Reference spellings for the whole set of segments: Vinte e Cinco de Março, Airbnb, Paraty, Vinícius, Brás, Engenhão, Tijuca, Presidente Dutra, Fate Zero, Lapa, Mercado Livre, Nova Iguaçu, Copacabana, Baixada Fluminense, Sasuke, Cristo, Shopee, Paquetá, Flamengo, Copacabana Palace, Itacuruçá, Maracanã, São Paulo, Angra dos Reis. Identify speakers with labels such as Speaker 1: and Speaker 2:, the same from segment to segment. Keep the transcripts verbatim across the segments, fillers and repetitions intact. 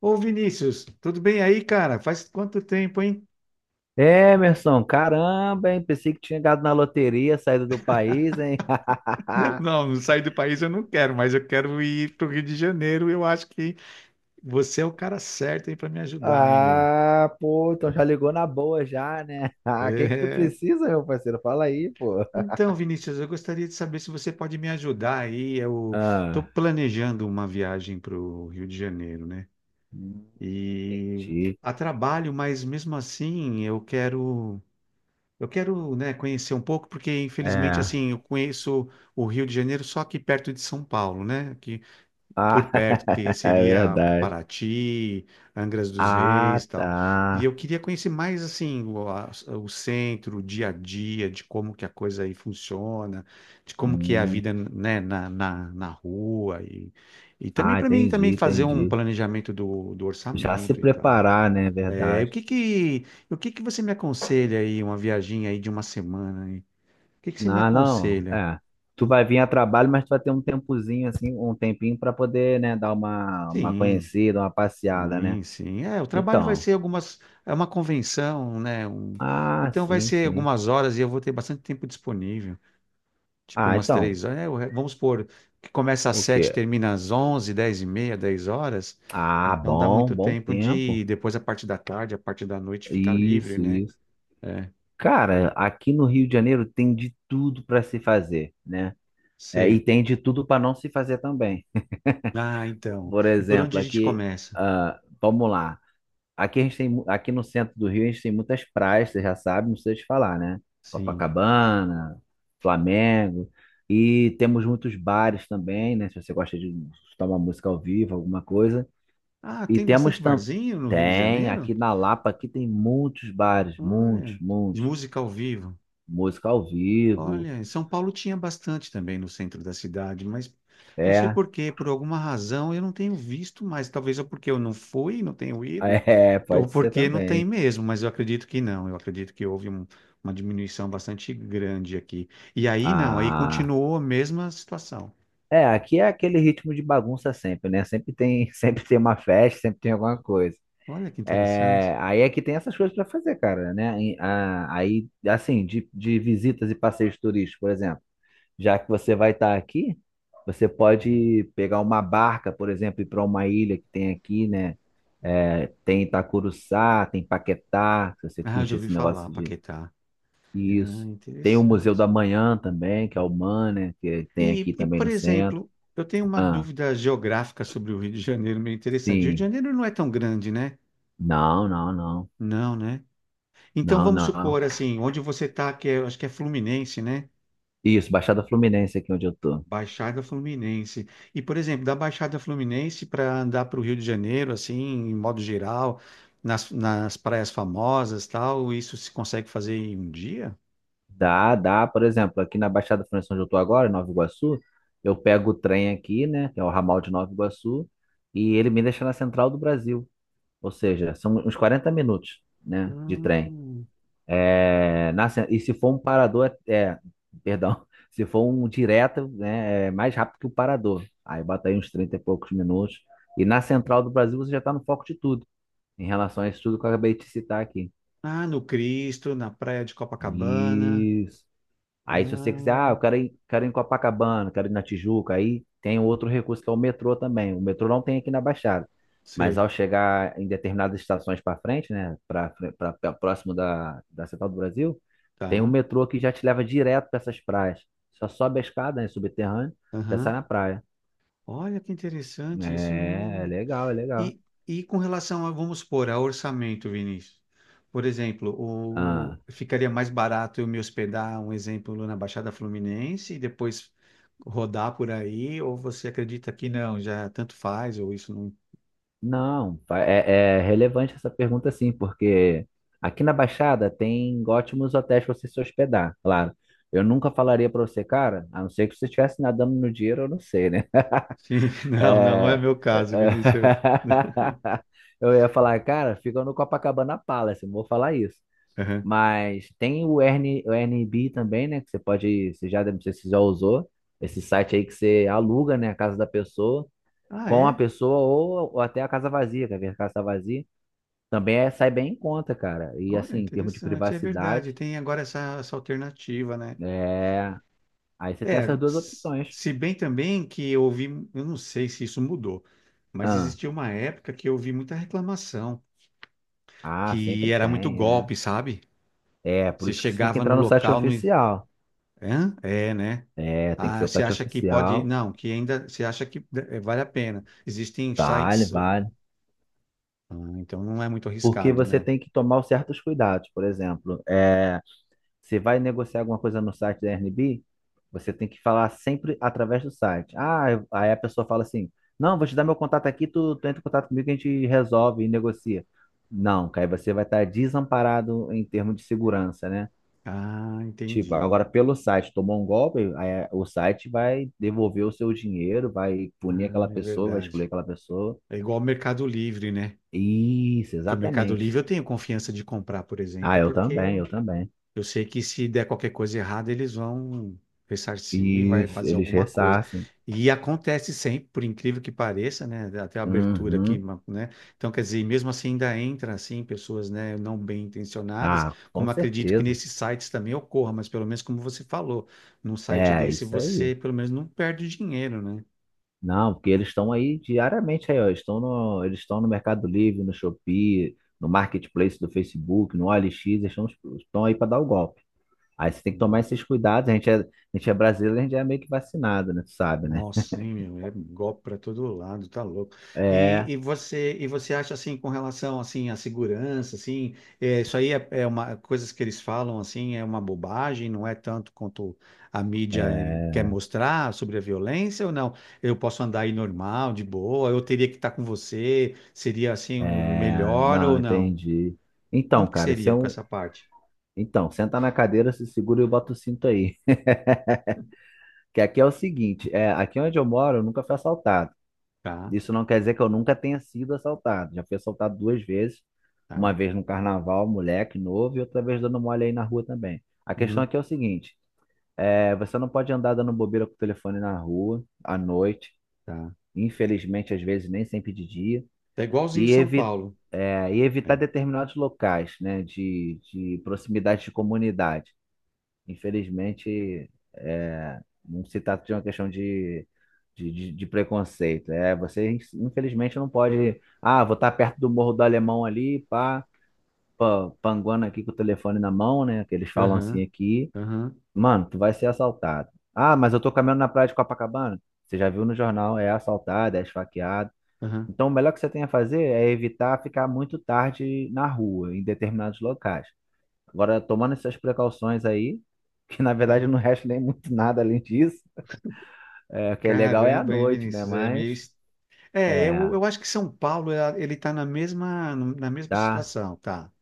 Speaker 1: Ô Vinícius, tudo bem aí, cara? Faz quanto tempo, hein?
Speaker 2: Emerson, caramba, hein? Pensei que tinha ganhado na loteria, saído do país, hein?
Speaker 1: Não, não sair do país eu não quero, mas eu quero ir pro Rio de Janeiro. Eu acho que você é o cara certo aí para me ajudar, hein, meu?
Speaker 2: Ah, pô, então já ligou na boa já, né? Ah, o que que tu
Speaker 1: É.
Speaker 2: precisa, meu parceiro? Fala aí, pô.
Speaker 1: Então, Vinícius, eu gostaria de saber se você pode me ajudar aí. Eu estou
Speaker 2: Ah,
Speaker 1: planejando uma viagem para o Rio de Janeiro, né?
Speaker 2: hum,
Speaker 1: E
Speaker 2: entendi.
Speaker 1: a trabalho, mas mesmo assim eu quero, eu quero, né, conhecer um pouco, porque infelizmente
Speaker 2: É.
Speaker 1: assim eu conheço o Rio de Janeiro só aqui perto de São Paulo, né? Por
Speaker 2: Ah,
Speaker 1: perto, que
Speaker 2: é
Speaker 1: seria
Speaker 2: verdade.
Speaker 1: Paraty, Angra dos
Speaker 2: Ah,
Speaker 1: Reis, e tal. E
Speaker 2: tá.
Speaker 1: eu queria conhecer mais assim o, a- o centro, o dia a dia, de como que a coisa aí funciona, de como que é a
Speaker 2: Hum.
Speaker 1: vida, né, na, na, na rua e, e também
Speaker 2: Ah,
Speaker 1: para mim
Speaker 2: entendi,
Speaker 1: também fazer um
Speaker 2: entendi.
Speaker 1: planejamento do, do
Speaker 2: Já se
Speaker 1: orçamento e tal.
Speaker 2: preparar, né? É
Speaker 1: É, o
Speaker 2: Verdade.
Speaker 1: que que o que que você me aconselha aí uma viagem aí de uma semana aí? O que que você me
Speaker 2: Não, não,
Speaker 1: aconselha?
Speaker 2: é. Tu vai vir a trabalho, mas tu vai ter um tempozinho assim, um tempinho para poder, né, dar uma, uma
Speaker 1: Sim.
Speaker 2: conhecida, uma passeada, né?
Speaker 1: Sim, sim. É, o trabalho vai
Speaker 2: Então,
Speaker 1: ser algumas, é uma convenção, né? Um-
Speaker 2: ah,
Speaker 1: então vai
Speaker 2: sim,
Speaker 1: ser
Speaker 2: sim.
Speaker 1: algumas horas e eu vou ter bastante tempo disponível, tipo
Speaker 2: Ah,
Speaker 1: umas
Speaker 2: então,
Speaker 1: três horas. É, o re- vamos supor que começa às
Speaker 2: o
Speaker 1: sete,
Speaker 2: quê?
Speaker 1: termina às onze, dez e meia, dez horas.
Speaker 2: Ah,
Speaker 1: Então dá
Speaker 2: bom,
Speaker 1: muito
Speaker 2: bom
Speaker 1: tempo de
Speaker 2: tempo.
Speaker 1: depois a parte da tarde, a parte da noite fica livre,
Speaker 2: Isso,
Speaker 1: né?
Speaker 2: isso.
Speaker 1: É,
Speaker 2: Cara, aqui no Rio de Janeiro tem de tudo para se fazer, né? É, e
Speaker 1: sei.
Speaker 2: tem de tudo para não se fazer também.
Speaker 1: Ah, então.
Speaker 2: Por
Speaker 1: E por
Speaker 2: exemplo,
Speaker 1: onde a gente
Speaker 2: aqui,
Speaker 1: começa?
Speaker 2: ah, vamos lá. Aqui a gente tem, mu- aqui no centro do Rio a gente tem muitas praias, você já sabe, não precisa te falar, né?
Speaker 1: Sim.
Speaker 2: Copacabana, Flamengo, e temos muitos bares também, né? Se você gosta de escutar uma música ao vivo, alguma coisa.
Speaker 1: Ah,
Speaker 2: E
Speaker 1: tem
Speaker 2: temos
Speaker 1: bastante
Speaker 2: também,
Speaker 1: barzinho no Rio de
Speaker 2: tem,
Speaker 1: Janeiro?
Speaker 2: aqui na Lapa, aqui tem muitos bares, muitos,
Speaker 1: Olha, de
Speaker 2: muitos.
Speaker 1: música ao vivo.
Speaker 2: Música ao vivo,
Speaker 1: Olha, em São Paulo tinha bastante também no centro da cidade, mas não sei
Speaker 2: é,
Speaker 1: por quê, por alguma razão eu não tenho visto mais. Talvez ou porque eu não fui, não tenho ido,
Speaker 2: é,
Speaker 1: ou
Speaker 2: pode ser
Speaker 1: porque não tem
Speaker 2: também.
Speaker 1: mesmo, mas eu acredito que não. Eu acredito que houve um- uma diminuição bastante grande aqui. E aí não, aí
Speaker 2: Ah,
Speaker 1: continuou a mesma situação.
Speaker 2: é, aqui é aquele ritmo de bagunça sempre, né? Sempre tem, sempre tem uma festa, sempre tem alguma coisa.
Speaker 1: Olha que interessante.
Speaker 2: É, aí é que tem essas coisas para fazer, cara, né? E, ah, aí, assim, de, de visitas e passeios turísticos, por exemplo, já que você vai estar aqui, você pode pegar uma barca, por exemplo, ir para uma ilha que tem aqui, né? É, tem Itacuruçá, tem Paquetá, se você
Speaker 1: Ah, já
Speaker 2: curte
Speaker 1: ouvi
Speaker 2: esse
Speaker 1: falar,
Speaker 2: negócio de,
Speaker 1: Paquetá. Ah,
Speaker 2: isso. Tem o Museu
Speaker 1: interessante.
Speaker 2: da Manhã também, que é o M A N, né? Que tem
Speaker 1: E,
Speaker 2: aqui
Speaker 1: e,
Speaker 2: também
Speaker 1: por
Speaker 2: no centro.
Speaker 1: exemplo, eu tenho uma
Speaker 2: Ah,
Speaker 1: dúvida geográfica sobre o Rio de Janeiro meio interessante. O Rio de
Speaker 2: sim.
Speaker 1: Janeiro não é tão grande, né?
Speaker 2: Não, não, não.
Speaker 1: Não, né? Então
Speaker 2: Não,
Speaker 1: vamos
Speaker 2: não.
Speaker 1: supor assim, onde você está, que é, acho que é Fluminense, né?
Speaker 2: Isso, Baixada Fluminense aqui onde eu tô.
Speaker 1: Baixada Fluminense. E, por exemplo, da Baixada Fluminense para andar para o Rio de Janeiro, assim, em modo geral, nas, nas praias famosas, tal, isso se consegue fazer em um dia?
Speaker 2: Dá, dá. Por exemplo, aqui na Baixada Fluminense, onde eu tô agora, em Nova Iguaçu, eu pego o trem aqui, né, que é o ramal de Nova Iguaçu, e ele me deixa na Central do Brasil. Ou seja, são uns quarenta minutos, né, de trem.
Speaker 1: Hum.
Speaker 2: É, na, cen- e se for um parador, é, é, perdão, se for um direto, né, é mais rápido que o parador. Aí bota aí uns trinta e poucos minutos. E na Central do Brasil você já está no foco de tudo, em relação a isso tudo que eu acabei de citar aqui.
Speaker 1: Ah, no Cristo, na praia de Copacabana.
Speaker 2: Isso. Aí, se você quiser, ah,
Speaker 1: Ah,
Speaker 2: eu quero ir, quero ir em Copacabana, quero ir na Tijuca, aí tem um outro recurso que é o metrô também. O metrô não tem aqui na Baixada, mas ao
Speaker 1: sei,
Speaker 2: chegar em determinadas estações para frente, né, para próximo da, da Central do Brasil, tem o
Speaker 1: tá.
Speaker 2: metrô que já te leva direto para essas praias. Só sobe a escada, né, subterrâneo, já sai
Speaker 1: Aham.
Speaker 2: na praia.
Speaker 1: Olha que interessante, isso eu
Speaker 2: É, é
Speaker 1: não.
Speaker 2: legal, é legal.
Speaker 1: E, e com relação a, vamos supor, a orçamento, Vinícius. Por exemplo,
Speaker 2: Ah.
Speaker 1: o, ficaria mais barato eu me hospedar, um exemplo, na Baixada Fluminense e depois rodar por aí, ou você acredita que não, já tanto faz, ou isso não.
Speaker 2: Não, é, é relevante essa pergunta sim, porque aqui na Baixada tem ótimos hotéis para você se hospedar, claro. Eu nunca falaria para você, cara, a não ser que você estivesse nadando no dinheiro, eu não sei, né?
Speaker 1: Sim, não, não não é meu
Speaker 2: é, é,
Speaker 1: caso, Vinícius.
Speaker 2: eu ia falar, cara, fica no Copacabana Palace, não vou falar isso.
Speaker 1: Aham.
Speaker 2: Mas tem o Airni- o Airbnb também, né? Que você pode, você já, não sei se você já usou, esse site aí que você aluga, né, a casa da pessoa
Speaker 1: Ah,
Speaker 2: com a
Speaker 1: é?
Speaker 2: pessoa ou, ou até a casa vazia, quer ver a casa vazia? Também é, sai bem em conta, cara. E
Speaker 1: Olha,
Speaker 2: assim, em termos de
Speaker 1: interessante, é verdade.
Speaker 2: privacidade,
Speaker 1: Tem agora essa, essa alternativa, né?
Speaker 2: é... aí você tem
Speaker 1: É,
Speaker 2: essas duas
Speaker 1: s-
Speaker 2: opções.
Speaker 1: se bem também que eu ouvi, eu não sei se isso mudou, mas
Speaker 2: Ah,
Speaker 1: existia uma época que eu ouvi muita reclamação,
Speaker 2: ah,
Speaker 1: que
Speaker 2: sempre
Speaker 1: era muito
Speaker 2: tem, é.
Speaker 1: golpe, sabe?
Speaker 2: É, por
Speaker 1: Você
Speaker 2: isso que você tem que
Speaker 1: chegava no
Speaker 2: entrar no site
Speaker 1: local, no.
Speaker 2: oficial.
Speaker 1: Hã? É, né?
Speaker 2: É, tem que ser
Speaker 1: Ah,
Speaker 2: o
Speaker 1: você
Speaker 2: site
Speaker 1: acha que pode.
Speaker 2: oficial.
Speaker 1: Não, que ainda. Você acha que eh, vale a pena. Existem
Speaker 2: Vale,
Speaker 1: sites.
Speaker 2: vale.
Speaker 1: Ah, então não é muito
Speaker 2: Porque
Speaker 1: arriscado,
Speaker 2: você
Speaker 1: né?
Speaker 2: tem que tomar certos cuidados. Por exemplo, é. Você vai negociar alguma coisa no site da Airbnb, você tem que falar sempre através do site. Ah, eu- aí a pessoa fala assim: Não, vou te dar meu contato aqui, tu, tu entra em contato comigo que a gente resolve e negocia. Não, que aí você vai estar desamparado em termos de segurança, né?
Speaker 1: Ah,
Speaker 2: Tipo,
Speaker 1: entendi.
Speaker 2: agora pelo site tomou um golpe, aí o site vai devolver o seu dinheiro, vai punir
Speaker 1: Ah,
Speaker 2: aquela
Speaker 1: é
Speaker 2: pessoa, vai excluir
Speaker 1: verdade.
Speaker 2: aquela pessoa.
Speaker 1: É igual ao Mercado Livre, né?
Speaker 2: Isso,
Speaker 1: Que o Mercado
Speaker 2: exatamente.
Speaker 1: Livre eu tenho confiança de comprar, por
Speaker 2: Ah,
Speaker 1: exemplo,
Speaker 2: eu
Speaker 1: porque
Speaker 2: também,
Speaker 1: eu
Speaker 2: eu também.
Speaker 1: Eu sei que se der qualquer coisa errada, eles vão ressarcir, vai
Speaker 2: Isso,
Speaker 1: fazer
Speaker 2: eles
Speaker 1: alguma coisa.
Speaker 2: ressarcem.
Speaker 1: E acontece sempre, por incrível que pareça, né? Até a abertura aqui,
Speaker 2: Uhum.
Speaker 1: ma- né? Então, quer dizer, mesmo assim ainda entra assim pessoas, né, não bem intencionadas,
Speaker 2: Ah, com
Speaker 1: como acredito que
Speaker 2: certeza.
Speaker 1: nesses sites também ocorra, mas pelo menos como você falou, num site
Speaker 2: É,
Speaker 1: desse
Speaker 2: isso
Speaker 1: você
Speaker 2: aí.
Speaker 1: pelo menos não perde dinheiro, né?
Speaker 2: Não, porque eles estão aí diariamente aí, ó. Estão no, eles estão no Mercado Livre, no Shopee, no Marketplace do Facebook, no O L X, eles estão, estão aí para dar o golpe. Aí você tem que tomar esses cuidados. A gente é, a gente é brasileiro, a gente é meio que vacinado, né? Tu sabe, né?
Speaker 1: Nossa, hein, meu, é golpe para todo lado, tá louco. E,
Speaker 2: É,
Speaker 1: e você e você acha assim com relação assim à segurança, assim, é, isso aí é, é uma coisas que eles falam assim, é uma bobagem, não é tanto quanto a mídia quer
Speaker 2: é,
Speaker 1: mostrar sobre a violência ou não? Eu posso andar aí normal, de boa, eu teria que estar com você, seria assim um
Speaker 2: é.
Speaker 1: melhor
Speaker 2: Não,
Speaker 1: ou não?
Speaker 2: entendi.
Speaker 1: Como
Speaker 2: Então,
Speaker 1: que
Speaker 2: cara, esse é
Speaker 1: seria com
Speaker 2: um.
Speaker 1: essa parte?
Speaker 2: Então, senta na cadeira, se segura e bota o cinto aí. Que aqui é o seguinte, é, aqui onde eu moro, eu nunca fui assaltado.
Speaker 1: Tá,
Speaker 2: Isso não quer dizer que eu nunca tenha sido assaltado. Já fui assaltado duas vezes.
Speaker 1: tá.
Speaker 2: Uma vez no carnaval, moleque novo, e outra vez dando mole aí na rua também. A questão
Speaker 1: Uhum,
Speaker 2: aqui é o seguinte: é, você não pode andar dando bobeira com o telefone na rua, à noite,
Speaker 1: tá.
Speaker 2: infelizmente, às vezes nem sempre de dia,
Speaker 1: É igualzinho
Speaker 2: e,
Speaker 1: São
Speaker 2: evi
Speaker 1: Paulo.
Speaker 2: é, e evitar
Speaker 1: É.
Speaker 2: determinados locais, né, de, de proximidade de comunidade. Infelizmente, é, não se trata de uma questão de, de, de- de preconceito. É, você, infelizmente, não pode. Ah, vou estar perto do Morro do Alemão ali, pá, pá, panguando aqui com o telefone na mão, né? Que eles falam assim
Speaker 1: Aham.
Speaker 2: aqui.
Speaker 1: Aham.
Speaker 2: Mano, tu vai ser assaltado. Ah, mas eu tô caminhando na praia de Copacabana. Você já viu no jornal, é assaltado, é esfaqueado.
Speaker 1: Aham.
Speaker 2: Então, o melhor que você tem a fazer é evitar ficar muito tarde na rua, em determinados locais. Agora, tomando essas precauções aí, que na verdade não resta nem muito nada além disso, é, o que é legal é a
Speaker 1: Caramba, hein,
Speaker 2: noite, né?
Speaker 1: Vinícius? É
Speaker 2: Mas,
Speaker 1: meio. est- É, eu,
Speaker 2: é,
Speaker 1: eu acho que São Paulo, ela- ele está na mesma, na mesma
Speaker 2: tá,
Speaker 1: situação, tá?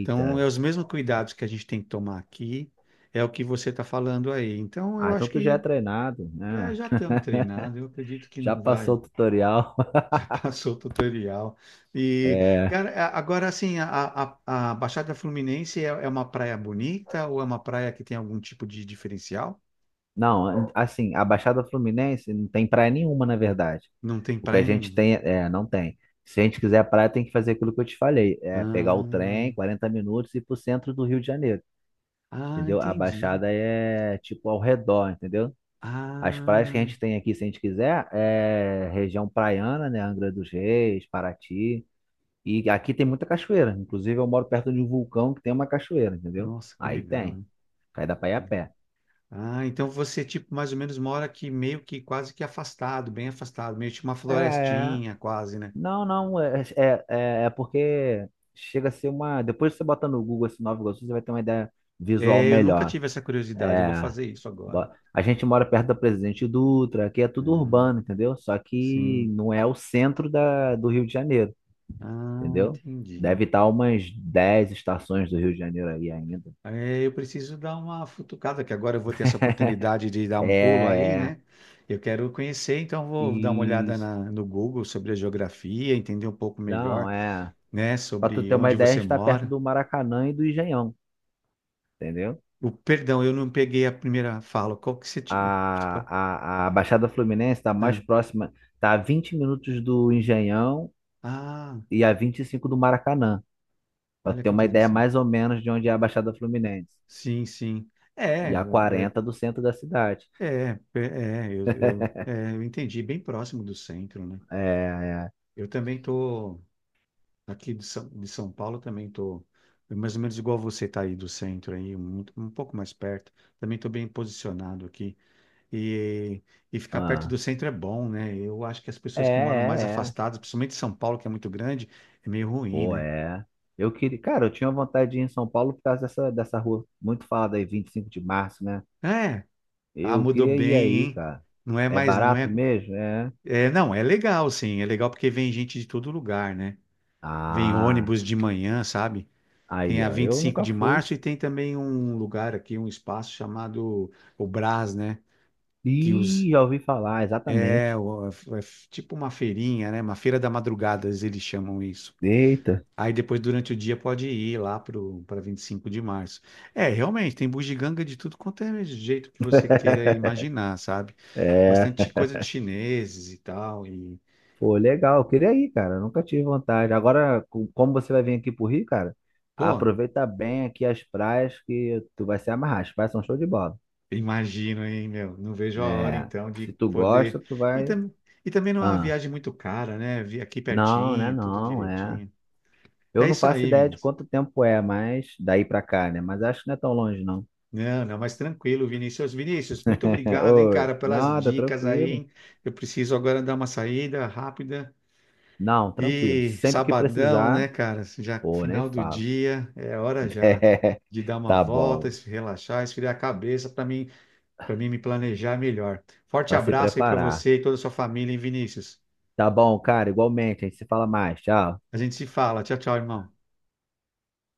Speaker 1: Então, é os mesmos cuidados que a gente tem que tomar aqui, é o que você está falando aí. Então, eu
Speaker 2: Ah, então
Speaker 1: acho
Speaker 2: tu já é
Speaker 1: que
Speaker 2: treinado,
Speaker 1: é,
Speaker 2: né?
Speaker 1: já estamos treinados, eu acredito que
Speaker 2: Já
Speaker 1: não vai.
Speaker 2: passou o tutorial.
Speaker 1: Já passou o tutorial. E,
Speaker 2: É,
Speaker 1: cara, a- agora, assim, a, a, a Baixada Fluminense é, é uma praia bonita ou é uma praia que tem algum tipo de diferencial?
Speaker 2: não, assim, a Baixada Fluminense não tem praia nenhuma, na verdade.
Speaker 1: Não tem
Speaker 2: O que a
Speaker 1: praia
Speaker 2: gente
Speaker 1: nenhuma.
Speaker 2: tem, é, não tem. Se a gente quiser praia, tem que fazer aquilo que eu te falei, é pegar o
Speaker 1: Ah,
Speaker 2: trem, quarenta minutos e ir pro centro do Rio de Janeiro,
Speaker 1: ah,
Speaker 2: entendeu? A
Speaker 1: entendi.
Speaker 2: Baixada é tipo ao redor, entendeu? As praias que a
Speaker 1: Ah,
Speaker 2: gente tem aqui, se a gente quiser, é região praiana, né? Angra dos Reis, Paraty. E aqui tem muita cachoeira. Inclusive, eu moro perto de um vulcão que tem uma cachoeira, entendeu?
Speaker 1: nossa, que
Speaker 2: Aí
Speaker 1: legal,
Speaker 2: tem.
Speaker 1: hein?
Speaker 2: Aí dá pra ir a
Speaker 1: Que- le-
Speaker 2: pé.
Speaker 1: Ah, então você, tipo, mais ou menos mora aqui meio que quase que afastado, bem afastado, meio tipo uma
Speaker 2: É.
Speaker 1: florestinha quase, né?
Speaker 2: Não, não. É, é, é é porque chega a ser uma. Depois você bota no Google esse Nova Iguaçu, você vai ter uma ideia visual
Speaker 1: É, eu nunca
Speaker 2: melhor.
Speaker 1: tive essa curiosidade, eu vou
Speaker 2: É.
Speaker 1: fazer isso agora.
Speaker 2: bo- A gente mora perto da Presidente Dutra, aqui é tudo
Speaker 1: Hum,
Speaker 2: urbano, entendeu? Só que
Speaker 1: sim.
Speaker 2: não é o centro da, do Rio de Janeiro.
Speaker 1: Ah,
Speaker 2: Entendeu?
Speaker 1: entendi.
Speaker 2: Deve estar umas dez estações do Rio de Janeiro aí ainda.
Speaker 1: É, eu preciso dar uma futucada, que agora eu vou ter essa oportunidade de dar um pulo aí,
Speaker 2: É, é.
Speaker 1: né? Eu quero conhecer, então vou dar uma olhada
Speaker 2: Isso.
Speaker 1: na- no Google sobre a geografia, entender um pouco
Speaker 2: Não,
Speaker 1: melhor,
Speaker 2: é.
Speaker 1: né,
Speaker 2: Pra tu ter
Speaker 1: sobre
Speaker 2: uma
Speaker 1: onde
Speaker 2: ideia, a
Speaker 1: você
Speaker 2: gente tá perto
Speaker 1: mora.
Speaker 2: do Maracanã e do Engenhão, entendeu?
Speaker 1: O perdão, eu não peguei a primeira fala. Qual que você tinha? Você pode-
Speaker 2: A, a, a Baixada Fluminense tá mais
Speaker 1: Ah,
Speaker 2: próxima, tá a vinte minutos do Engenhão
Speaker 1: Ah,
Speaker 2: e a vinte e cinco do Maracanã. Pra tu
Speaker 1: olha
Speaker 2: ter
Speaker 1: que
Speaker 2: uma ideia
Speaker 1: interessante.
Speaker 2: mais ou menos de onde é a Baixada Fluminense.
Speaker 1: Sim, sim. É,
Speaker 2: E a
Speaker 1: é,
Speaker 2: quarenta do centro da cidade.
Speaker 1: é, é, é, eu, eu, é, eu entendi, bem próximo do centro, né?
Speaker 2: É, é.
Speaker 1: Eu também tô aqui de São, de São Paulo, também tô é mais ou menos igual você tá aí do centro aí, um um, pouco mais perto. Também tô bem posicionado aqui. E, e ficar perto
Speaker 2: Ah.
Speaker 1: do centro é bom, né? Eu acho que as
Speaker 2: É,
Speaker 1: pessoas que moram mais
Speaker 2: é, é.
Speaker 1: afastadas, principalmente São Paulo, que é muito grande, é meio ruim,
Speaker 2: Pô,
Speaker 1: né?
Speaker 2: é. Eu queria, cara, eu tinha vontade de ir em São Paulo por causa dessa, dessa rua muito falada aí, vinte e cinco de março, né?
Speaker 1: É, ah,
Speaker 2: Eu
Speaker 1: mudou
Speaker 2: queria ir
Speaker 1: bem,
Speaker 2: aí,
Speaker 1: hein?
Speaker 2: cara.
Speaker 1: Não é
Speaker 2: É
Speaker 1: mais, não
Speaker 2: barato
Speaker 1: é,
Speaker 2: mesmo? É.
Speaker 1: é, não, é legal, sim, é legal porque vem gente de todo lugar, né? Vem
Speaker 2: Ah,
Speaker 1: ônibus de manhã, sabe? Tem
Speaker 2: aí,
Speaker 1: a
Speaker 2: ó.
Speaker 1: vinte e
Speaker 2: Eu
Speaker 1: cinco
Speaker 2: nunca
Speaker 1: de
Speaker 2: fui.
Speaker 1: março e tem também um lugar aqui, um espaço chamado o Brás, né? Que os,
Speaker 2: Ih, já ouvi falar,
Speaker 1: é,
Speaker 2: exatamente.
Speaker 1: o- É tipo uma feirinha, né? Uma feira da madrugada, eles chamam isso.
Speaker 2: Eita,
Speaker 1: Aí depois, durante o dia, pode ir lá pro, para vinte e cinco de março. É, realmente, tem bugiganga de tudo quanto é jeito que você queira imaginar, sabe? Bastante
Speaker 2: é.
Speaker 1: coisa de chineses e tal. E,
Speaker 2: Pô,
Speaker 1: e,
Speaker 2: legal. Eu queria ir, cara. Eu nunca tive vontade. Agora, com- como você vai vir aqui pro Rio, cara,
Speaker 1: pô,
Speaker 2: aproveita bem aqui as praias que tu vai se amarrar. As praias são show de bola,
Speaker 1: imagino, hein, meu? Não vejo a hora,
Speaker 2: né?
Speaker 1: então, de
Speaker 2: Se tu gosta,
Speaker 1: poder.
Speaker 2: tu
Speaker 1: E,
Speaker 2: vai.
Speaker 1: tam... e também não é uma
Speaker 2: Ah,
Speaker 1: viagem muito cara, né? Vi aqui
Speaker 2: não, né?
Speaker 1: pertinho, tudo
Speaker 2: Não, é.
Speaker 1: direitinho.
Speaker 2: Eu
Speaker 1: É
Speaker 2: não
Speaker 1: isso
Speaker 2: faço
Speaker 1: aí,
Speaker 2: ideia de
Speaker 1: Vinícius.
Speaker 2: quanto tempo é, mas daí pra cá, né? Mas acho que não é tão longe, não.
Speaker 1: Não, não, mas tranquilo, Vinícius. Vinícius, muito obrigado, hein,
Speaker 2: Oi,
Speaker 1: cara, pelas
Speaker 2: nada,
Speaker 1: dicas aí.
Speaker 2: tranquilo.
Speaker 1: Hein? Eu preciso agora dar uma saída rápida.
Speaker 2: Não, tranquilo.
Speaker 1: E
Speaker 2: Sempre que
Speaker 1: sabadão, né,
Speaker 2: precisar,
Speaker 1: cara? Já
Speaker 2: pô, nem
Speaker 1: final do
Speaker 2: falo.
Speaker 1: dia, é hora já
Speaker 2: É,
Speaker 1: de dar uma
Speaker 2: tá
Speaker 1: volta,
Speaker 2: bom,
Speaker 1: se relaxar, esfriar a cabeça para mim para mim me planejar é melhor. Forte
Speaker 2: pra se
Speaker 1: abraço aí para
Speaker 2: preparar.
Speaker 1: você e toda a sua família, hein, Vinícius?
Speaker 2: Tá bom, cara, igualmente. A gente se fala mais. Tchau.
Speaker 1: A gente se fala. Tchau, tchau, irmão.